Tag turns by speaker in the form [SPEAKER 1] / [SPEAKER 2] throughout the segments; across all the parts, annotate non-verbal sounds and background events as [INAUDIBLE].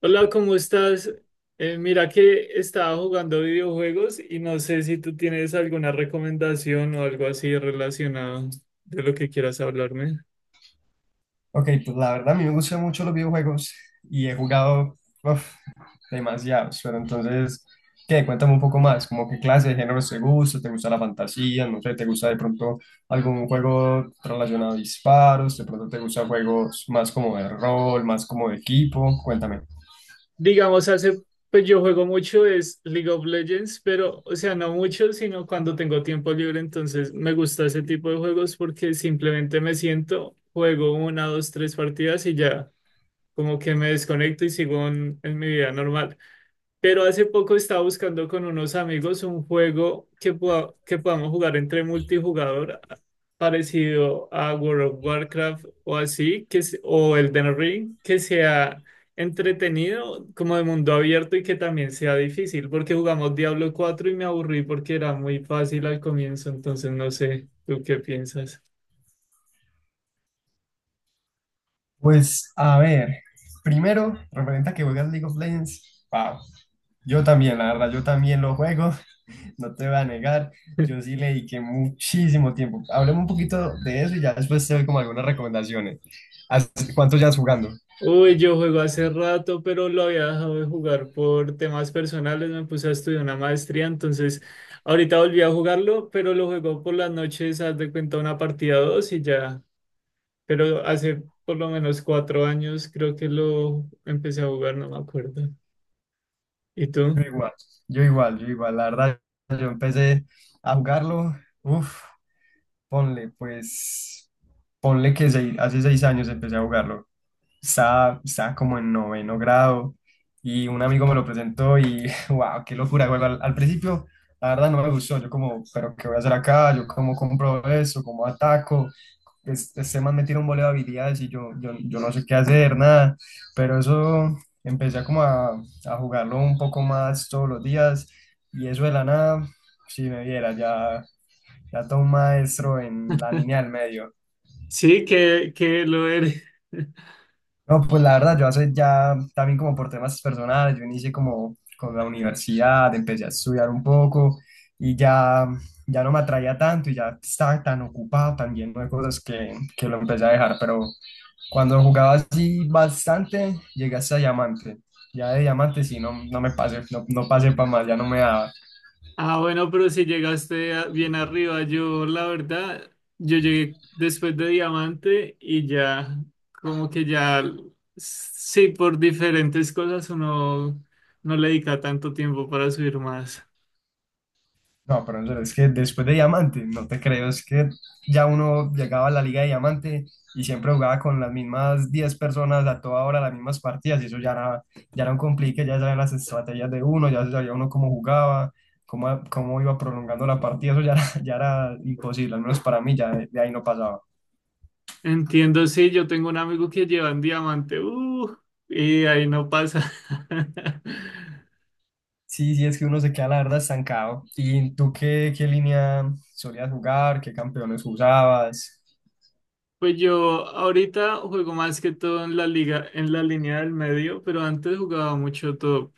[SPEAKER 1] Hola, ¿cómo estás? Mira que estaba jugando videojuegos y no sé si tú tienes alguna recomendación o algo así relacionado de lo que quieras hablarme.
[SPEAKER 2] Ok, pues la verdad a mí me gustan mucho los videojuegos y he jugado uf, demasiados, pero entonces, ¿qué? Cuéntame un poco más, como qué clase de géneros te gusta la fantasía, no sé, te gusta de pronto algún juego relacionado a disparos, de pronto te gustan juegos más como de rol, más como de equipo, cuéntame.
[SPEAKER 1] Digamos, pues yo juego mucho es League of Legends, pero, o sea, no mucho, sino cuando tengo tiempo libre, entonces me gusta ese tipo de juegos porque simplemente me siento, juego una, dos, tres partidas y ya, como que me desconecto y sigo en mi vida normal. Pero hace poco estaba buscando con unos amigos un juego que podamos jugar entre multijugador parecido a World of Warcraft o así, o Elden Ring, que sea entretenido, como de mundo abierto y que también sea difícil, porque jugamos Diablo 4 y me aburrí porque era muy fácil al comienzo, entonces no sé, ¿tú qué piensas?
[SPEAKER 2] Pues a ver, primero, referente a que juegas League of Legends, wow, yo también, la verdad, yo también lo juego. No te voy a negar, yo
[SPEAKER 1] [LAUGHS]
[SPEAKER 2] sí le dediqué muchísimo tiempo. Hablemos un poquito de eso y ya después te doy como algunas recomendaciones. ¿Hace ¿Cuánto llevas jugando?
[SPEAKER 1] Uy, yo juego hace rato, pero lo había dejado de jugar por temas personales. Me puse a estudiar una maestría, entonces ahorita volví a jugarlo, pero lo juego por las noches, haz de cuenta una partida o dos y ya. Pero hace por lo menos 4 años creo que lo empecé a jugar, no me acuerdo. ¿Y
[SPEAKER 2] Yo
[SPEAKER 1] tú?
[SPEAKER 2] igual, yo igual, yo igual. La verdad, yo empecé a jugarlo, uff, ponle, pues, ponle que hace 6 años empecé a jugarlo. Estaba como en noveno grado y un amigo me lo presentó y, [LAUGHS] wow, qué locura, juego. Al principio, la verdad, no me gustó. Yo como, pero ¿qué voy a hacer acá? Yo cómo compro eso, cómo ataco. Este man me tiene un voleo de habilidades y yo no sé qué hacer, nada. Pero eso empecé a como a jugarlo un poco más todos los días y eso de la nada, si me viera, ya, ya todo un maestro en la línea del medio.
[SPEAKER 1] Sí, que lo eres. [LAUGHS]
[SPEAKER 2] No, pues la verdad, yo hace ya también como por temas personales, yo inicié como con la universidad, empecé a estudiar un poco y ya, ya no me atraía tanto y ya estaba tan ocupado también de cosas que lo empecé a dejar, pero cuando jugaba así bastante, llegué hasta diamante. Ya de diamante sí, no, no me pasé, no, no pasé para más, ya no me daba.
[SPEAKER 1] Ah, bueno, pero si llegaste bien arriba, yo la verdad, yo llegué después de Diamante y ya, como que ya, sí, por diferentes cosas uno no le dedica tanto tiempo para subir más.
[SPEAKER 2] No, pero en serio, es que después de Diamante, no te creo, es que ya uno llegaba a la Liga de Diamante y siempre jugaba con las mismas 10 personas a toda hora, las mismas partidas, y eso ya era un complique, ya sabían las estrategias de uno, ya sabía uno cómo jugaba, cómo iba prolongando la partida, eso ya era, [LAUGHS] ya era imposible, al menos para mí ya de ahí no pasaba.
[SPEAKER 1] Entiendo, sí, yo tengo un amigo que lleva en Diamante, y ahí no pasa. [LAUGHS]
[SPEAKER 2] Sí, sí, es que uno se queda la verdad estancado. ¿Y tú qué línea solías jugar? ¿Qué campeones usabas?
[SPEAKER 1] Pues yo ahorita juego más que todo en la liga, en la línea del medio, pero antes jugaba mucho top.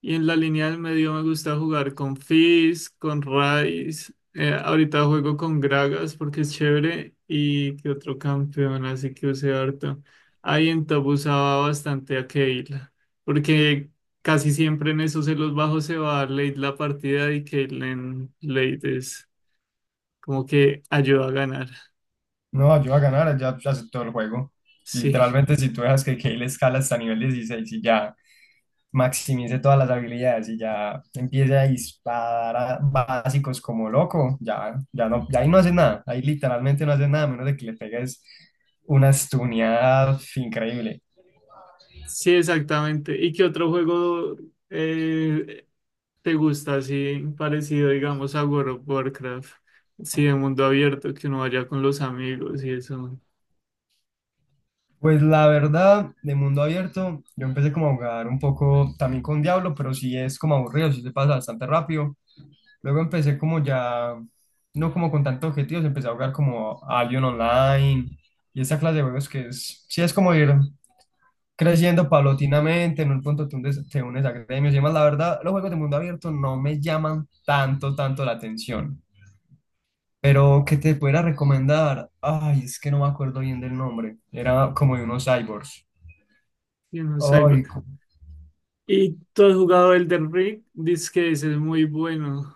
[SPEAKER 1] Y en la línea del medio me gusta jugar con Fizz, con Ryze. Ahorita juego con Gragas porque es chévere. Y que otro campeón, así que usé harto. Ahí en top usaba bastante a Kayle. Porque casi siempre en esos celos bajos se va a dar late la partida y Kayle en late es como que ayuda a ganar.
[SPEAKER 2] No, ayuda a ganar, ya aceptó el juego.
[SPEAKER 1] Sí.
[SPEAKER 2] Literalmente, si tú dejas que Kayle escala hasta nivel 16 y ya maximice todas las habilidades y ya empiece a disparar a básicos como loco, ya no, ya ahí no hace nada. Ahí literalmente no hace nada, a menos de que le pegues una stuneada increíble.
[SPEAKER 1] Sí, exactamente. ¿Y qué otro juego eh, te gusta así parecido, digamos, a World of Warcraft? Sí, de mundo abierto, que uno vaya con los amigos y eso,
[SPEAKER 2] Pues la verdad, de mundo abierto, yo empecé como a jugar un poco también con Diablo, pero sí es como aburrido, sí se pasa bastante rápido. Luego empecé como ya, no como con tantos objetivos, empecé a jugar como Albion Online y esta clase de juegos que es, sí es como ir creciendo paulatinamente, en un punto te unes a gremios y demás. La verdad, los juegos de mundo abierto no me llaman tanto, tanto la atención. Pero que te pudiera recomendar, ay, es que no me acuerdo bien del nombre, era como de unos cyborgs.
[SPEAKER 1] y uno cyber.
[SPEAKER 2] Ay, cu-
[SPEAKER 1] ¿Y tú has jugado Elden Ring? Dices que ese es muy bueno.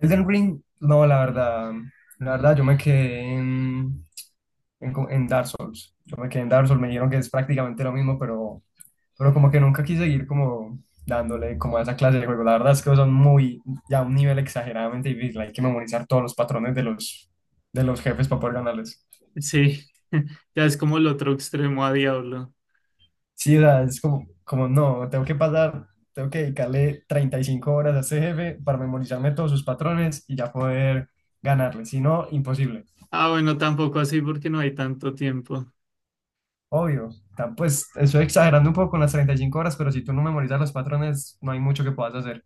[SPEAKER 2] Elden Ring, no, la verdad, yo me quedé en Dark Souls. Yo me quedé en Dark Souls, me dijeron que es prácticamente lo mismo, pero como que nunca quise seguir como dándole como a esa clase de juego. La verdad es que son muy, ya a un nivel exageradamente difícil. Hay que memorizar todos los patrones de los jefes para poder ganarles.
[SPEAKER 1] Sí, [LAUGHS] ya es como el otro extremo a Diablo.
[SPEAKER 2] Sí, o sea, es como no, tengo que dedicarle 35 horas a ese jefe para memorizarme todos sus patrones y ya poder ganarle. Si no, imposible.
[SPEAKER 1] Ah, bueno, tampoco así porque no hay tanto tiempo.
[SPEAKER 2] Obvio, pues estoy exagerando un poco con las 35 horas, pero si tú no memorizas los patrones, no hay mucho que puedas hacer.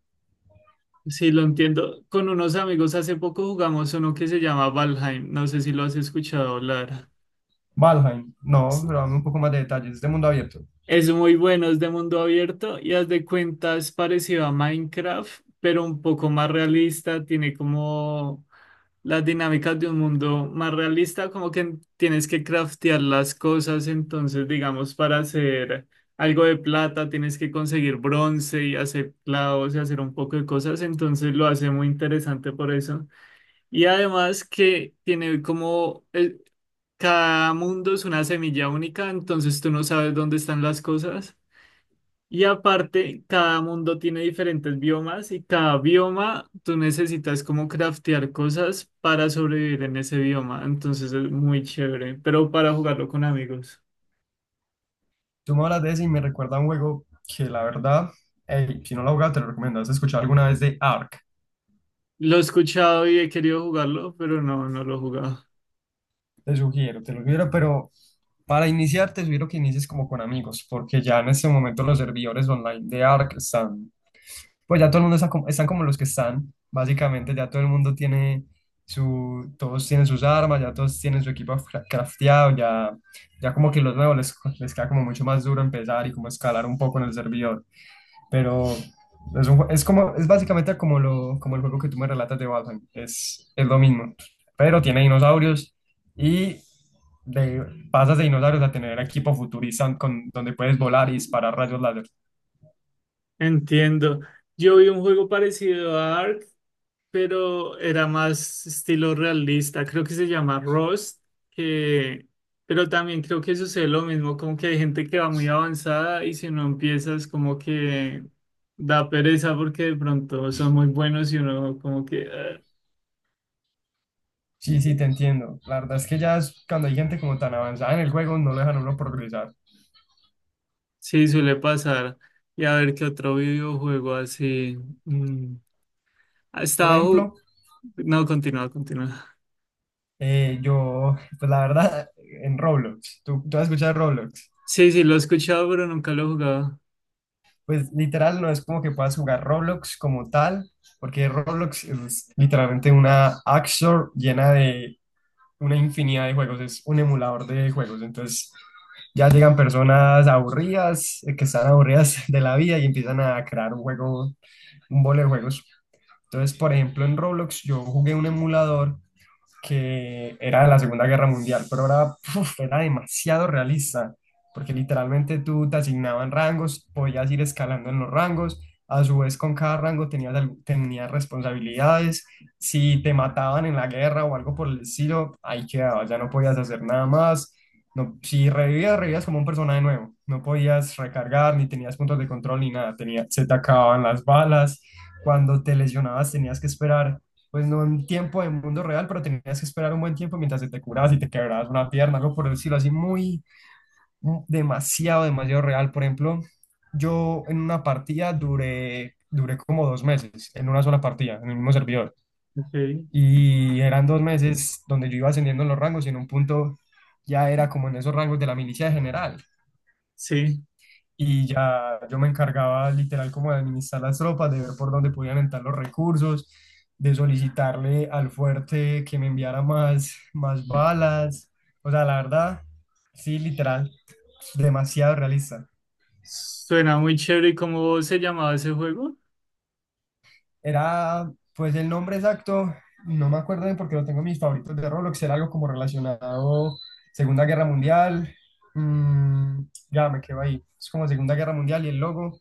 [SPEAKER 1] Sí, lo entiendo. Con unos amigos hace poco jugamos uno que se llama Valheim. No sé si lo has escuchado hablar.
[SPEAKER 2] Valheim, no, pero dame un poco más de detalles, es de este mundo abierto.
[SPEAKER 1] Es muy bueno, es de mundo abierto y haz de cuenta es parecido a Minecraft, pero un poco más realista, tiene como las dinámicas de un mundo más realista, como que tienes que craftear las cosas, entonces digamos para hacer algo de plata tienes que conseguir bronce y hacer clavos y hacer un poco de cosas, entonces lo hace muy interesante por eso. Y además que tiene como, cada mundo es una semilla única, entonces tú no sabes dónde están las cosas. Y aparte, cada mundo tiene diferentes biomas y cada bioma tú necesitas como craftear cosas para sobrevivir en ese bioma. Entonces es muy chévere, pero para jugarlo con amigos.
[SPEAKER 2] Tú me hablas de ese y me recuerda a un juego que la verdad, ey, si no lo has jugado, te lo recomiendo. ¿Has escuchado alguna vez de Ark?
[SPEAKER 1] Lo he escuchado y he querido jugarlo, pero no, no lo he jugado.
[SPEAKER 2] Te lo sugiero, pero para iniciar te sugiero que inicies como con amigos, porque ya en este momento los servidores online de Ark están, pues ya todo el mundo está como, están como los que están, básicamente ya todo el mundo tiene todos tienen sus armas, ya todos tienen su equipo crafteado, ya como que los nuevos les queda como mucho más duro empezar y como escalar un poco en el servidor. Pero es, un jue- es como, es básicamente como el juego que tú me relatas de Valheim. Es lo mismo. Pero tiene dinosaurios y de, pasas de dinosaurios a tener equipo futurista donde puedes volar y disparar rayos láser.
[SPEAKER 1] Entiendo. Yo vi un juego parecido a Ark pero era más estilo realista. Creo que se llama Rust, que... pero también creo que sucede lo mismo, como que hay gente que va muy avanzada y si no empiezas como que da pereza porque de pronto son muy buenos y uno como que "Ah".
[SPEAKER 2] Sí, sí, te entiendo. La verdad es que ya cuando hay gente como tan avanzada en el juego, no lo dejan a uno progresar.
[SPEAKER 1] Sí, suele pasar. Y a ver qué otro videojuego así. mm, Ha
[SPEAKER 2] Por
[SPEAKER 1] estado...
[SPEAKER 2] ejemplo,
[SPEAKER 1] ju- No, continúa, continúa.
[SPEAKER 2] yo, pues la verdad, en Roblox. ¿Tú has escuchado de Roblox?
[SPEAKER 1] Sí, sí, lo he escuchado, pero nunca lo he jugado.
[SPEAKER 2] Pues literal no es como que puedas jugar Roblox como tal, porque Roblox es literalmente una App Store llena de una infinidad de juegos, es un emulador de juegos. Entonces ya llegan personas aburridas, que están aburridas de la vida y empiezan a crear un juego, un bolo de juegos. Entonces, por ejemplo, en Roblox yo jugué un emulador que era de la Segunda Guerra Mundial, pero era demasiado realista, porque literalmente tú te asignaban rangos, podías ir escalando en los rangos, a su vez con cada rango tenías responsabilidades, si te mataban en la guerra o algo por el estilo, ahí quedabas, ya no podías hacer nada más, no, si revivías, como un personaje nuevo, no podías recargar, ni tenías puntos de control, ni nada, se te acababan las balas, cuando te lesionabas tenías que esperar pues no en tiempo de mundo real, pero tenías que esperar un buen tiempo mientras se te curabas y te quebrabas una pierna, algo por el decirlo así, demasiado, demasiado real. Por ejemplo, yo en una partida duré como 2 meses, en una sola partida, en el mismo servidor.
[SPEAKER 1] Ok,
[SPEAKER 2] Y eran 2 meses donde yo iba ascendiendo en los rangos y en un punto ya era como en esos rangos de la milicia general
[SPEAKER 1] sí.
[SPEAKER 2] y ya yo me encargaba literal como de administrar las tropas, de ver por dónde podían entrar los recursos, de solicitarle al fuerte que me enviara más balas. O sea, la verdad, sí, literal, demasiado realista.
[SPEAKER 1] Suena muy chévere. ¿Y cómo se llamaba ese juego?
[SPEAKER 2] Era, pues el nombre exacto, no me acuerdo bien porque lo tengo en mis favoritos de Roblox, era algo como relacionado Segunda Guerra Mundial. mm, ya me quedo ahí. Es como Segunda Guerra Mundial y el logo,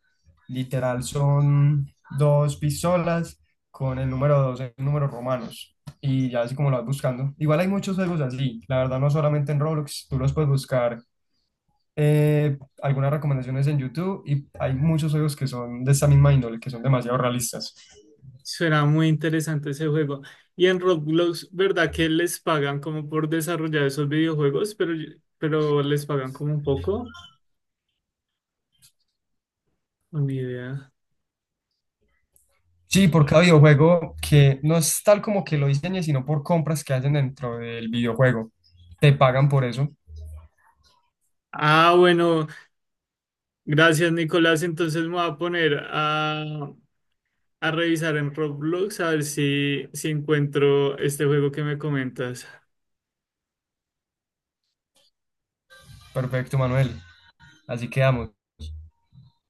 [SPEAKER 2] literal, son dos pistolas con el número dos en números romanos. Y ya así como lo vas buscando. Igual hay muchos juegos así, la verdad, no solamente en Roblox, tú los puedes buscar. Algunas recomendaciones en YouTube y hay muchos juegos que son de esa misma índole, que son demasiado realistas.
[SPEAKER 1] Suena muy interesante ese juego. Y en Roblox, ¿verdad que les pagan como por desarrollar esos videojuegos? Pero les pagan como un poco. O ni idea.
[SPEAKER 2] Sí, por cada videojuego que no es tal como que lo diseñes, sino por compras que hacen dentro del videojuego. Te pagan por eso.
[SPEAKER 1] Ah, bueno, gracias Nicolás. Entonces me voy a poner a revisar en Roblox a ver si, si encuentro este juego que me comentas.
[SPEAKER 2] Perfecto, Manuel. Así quedamos.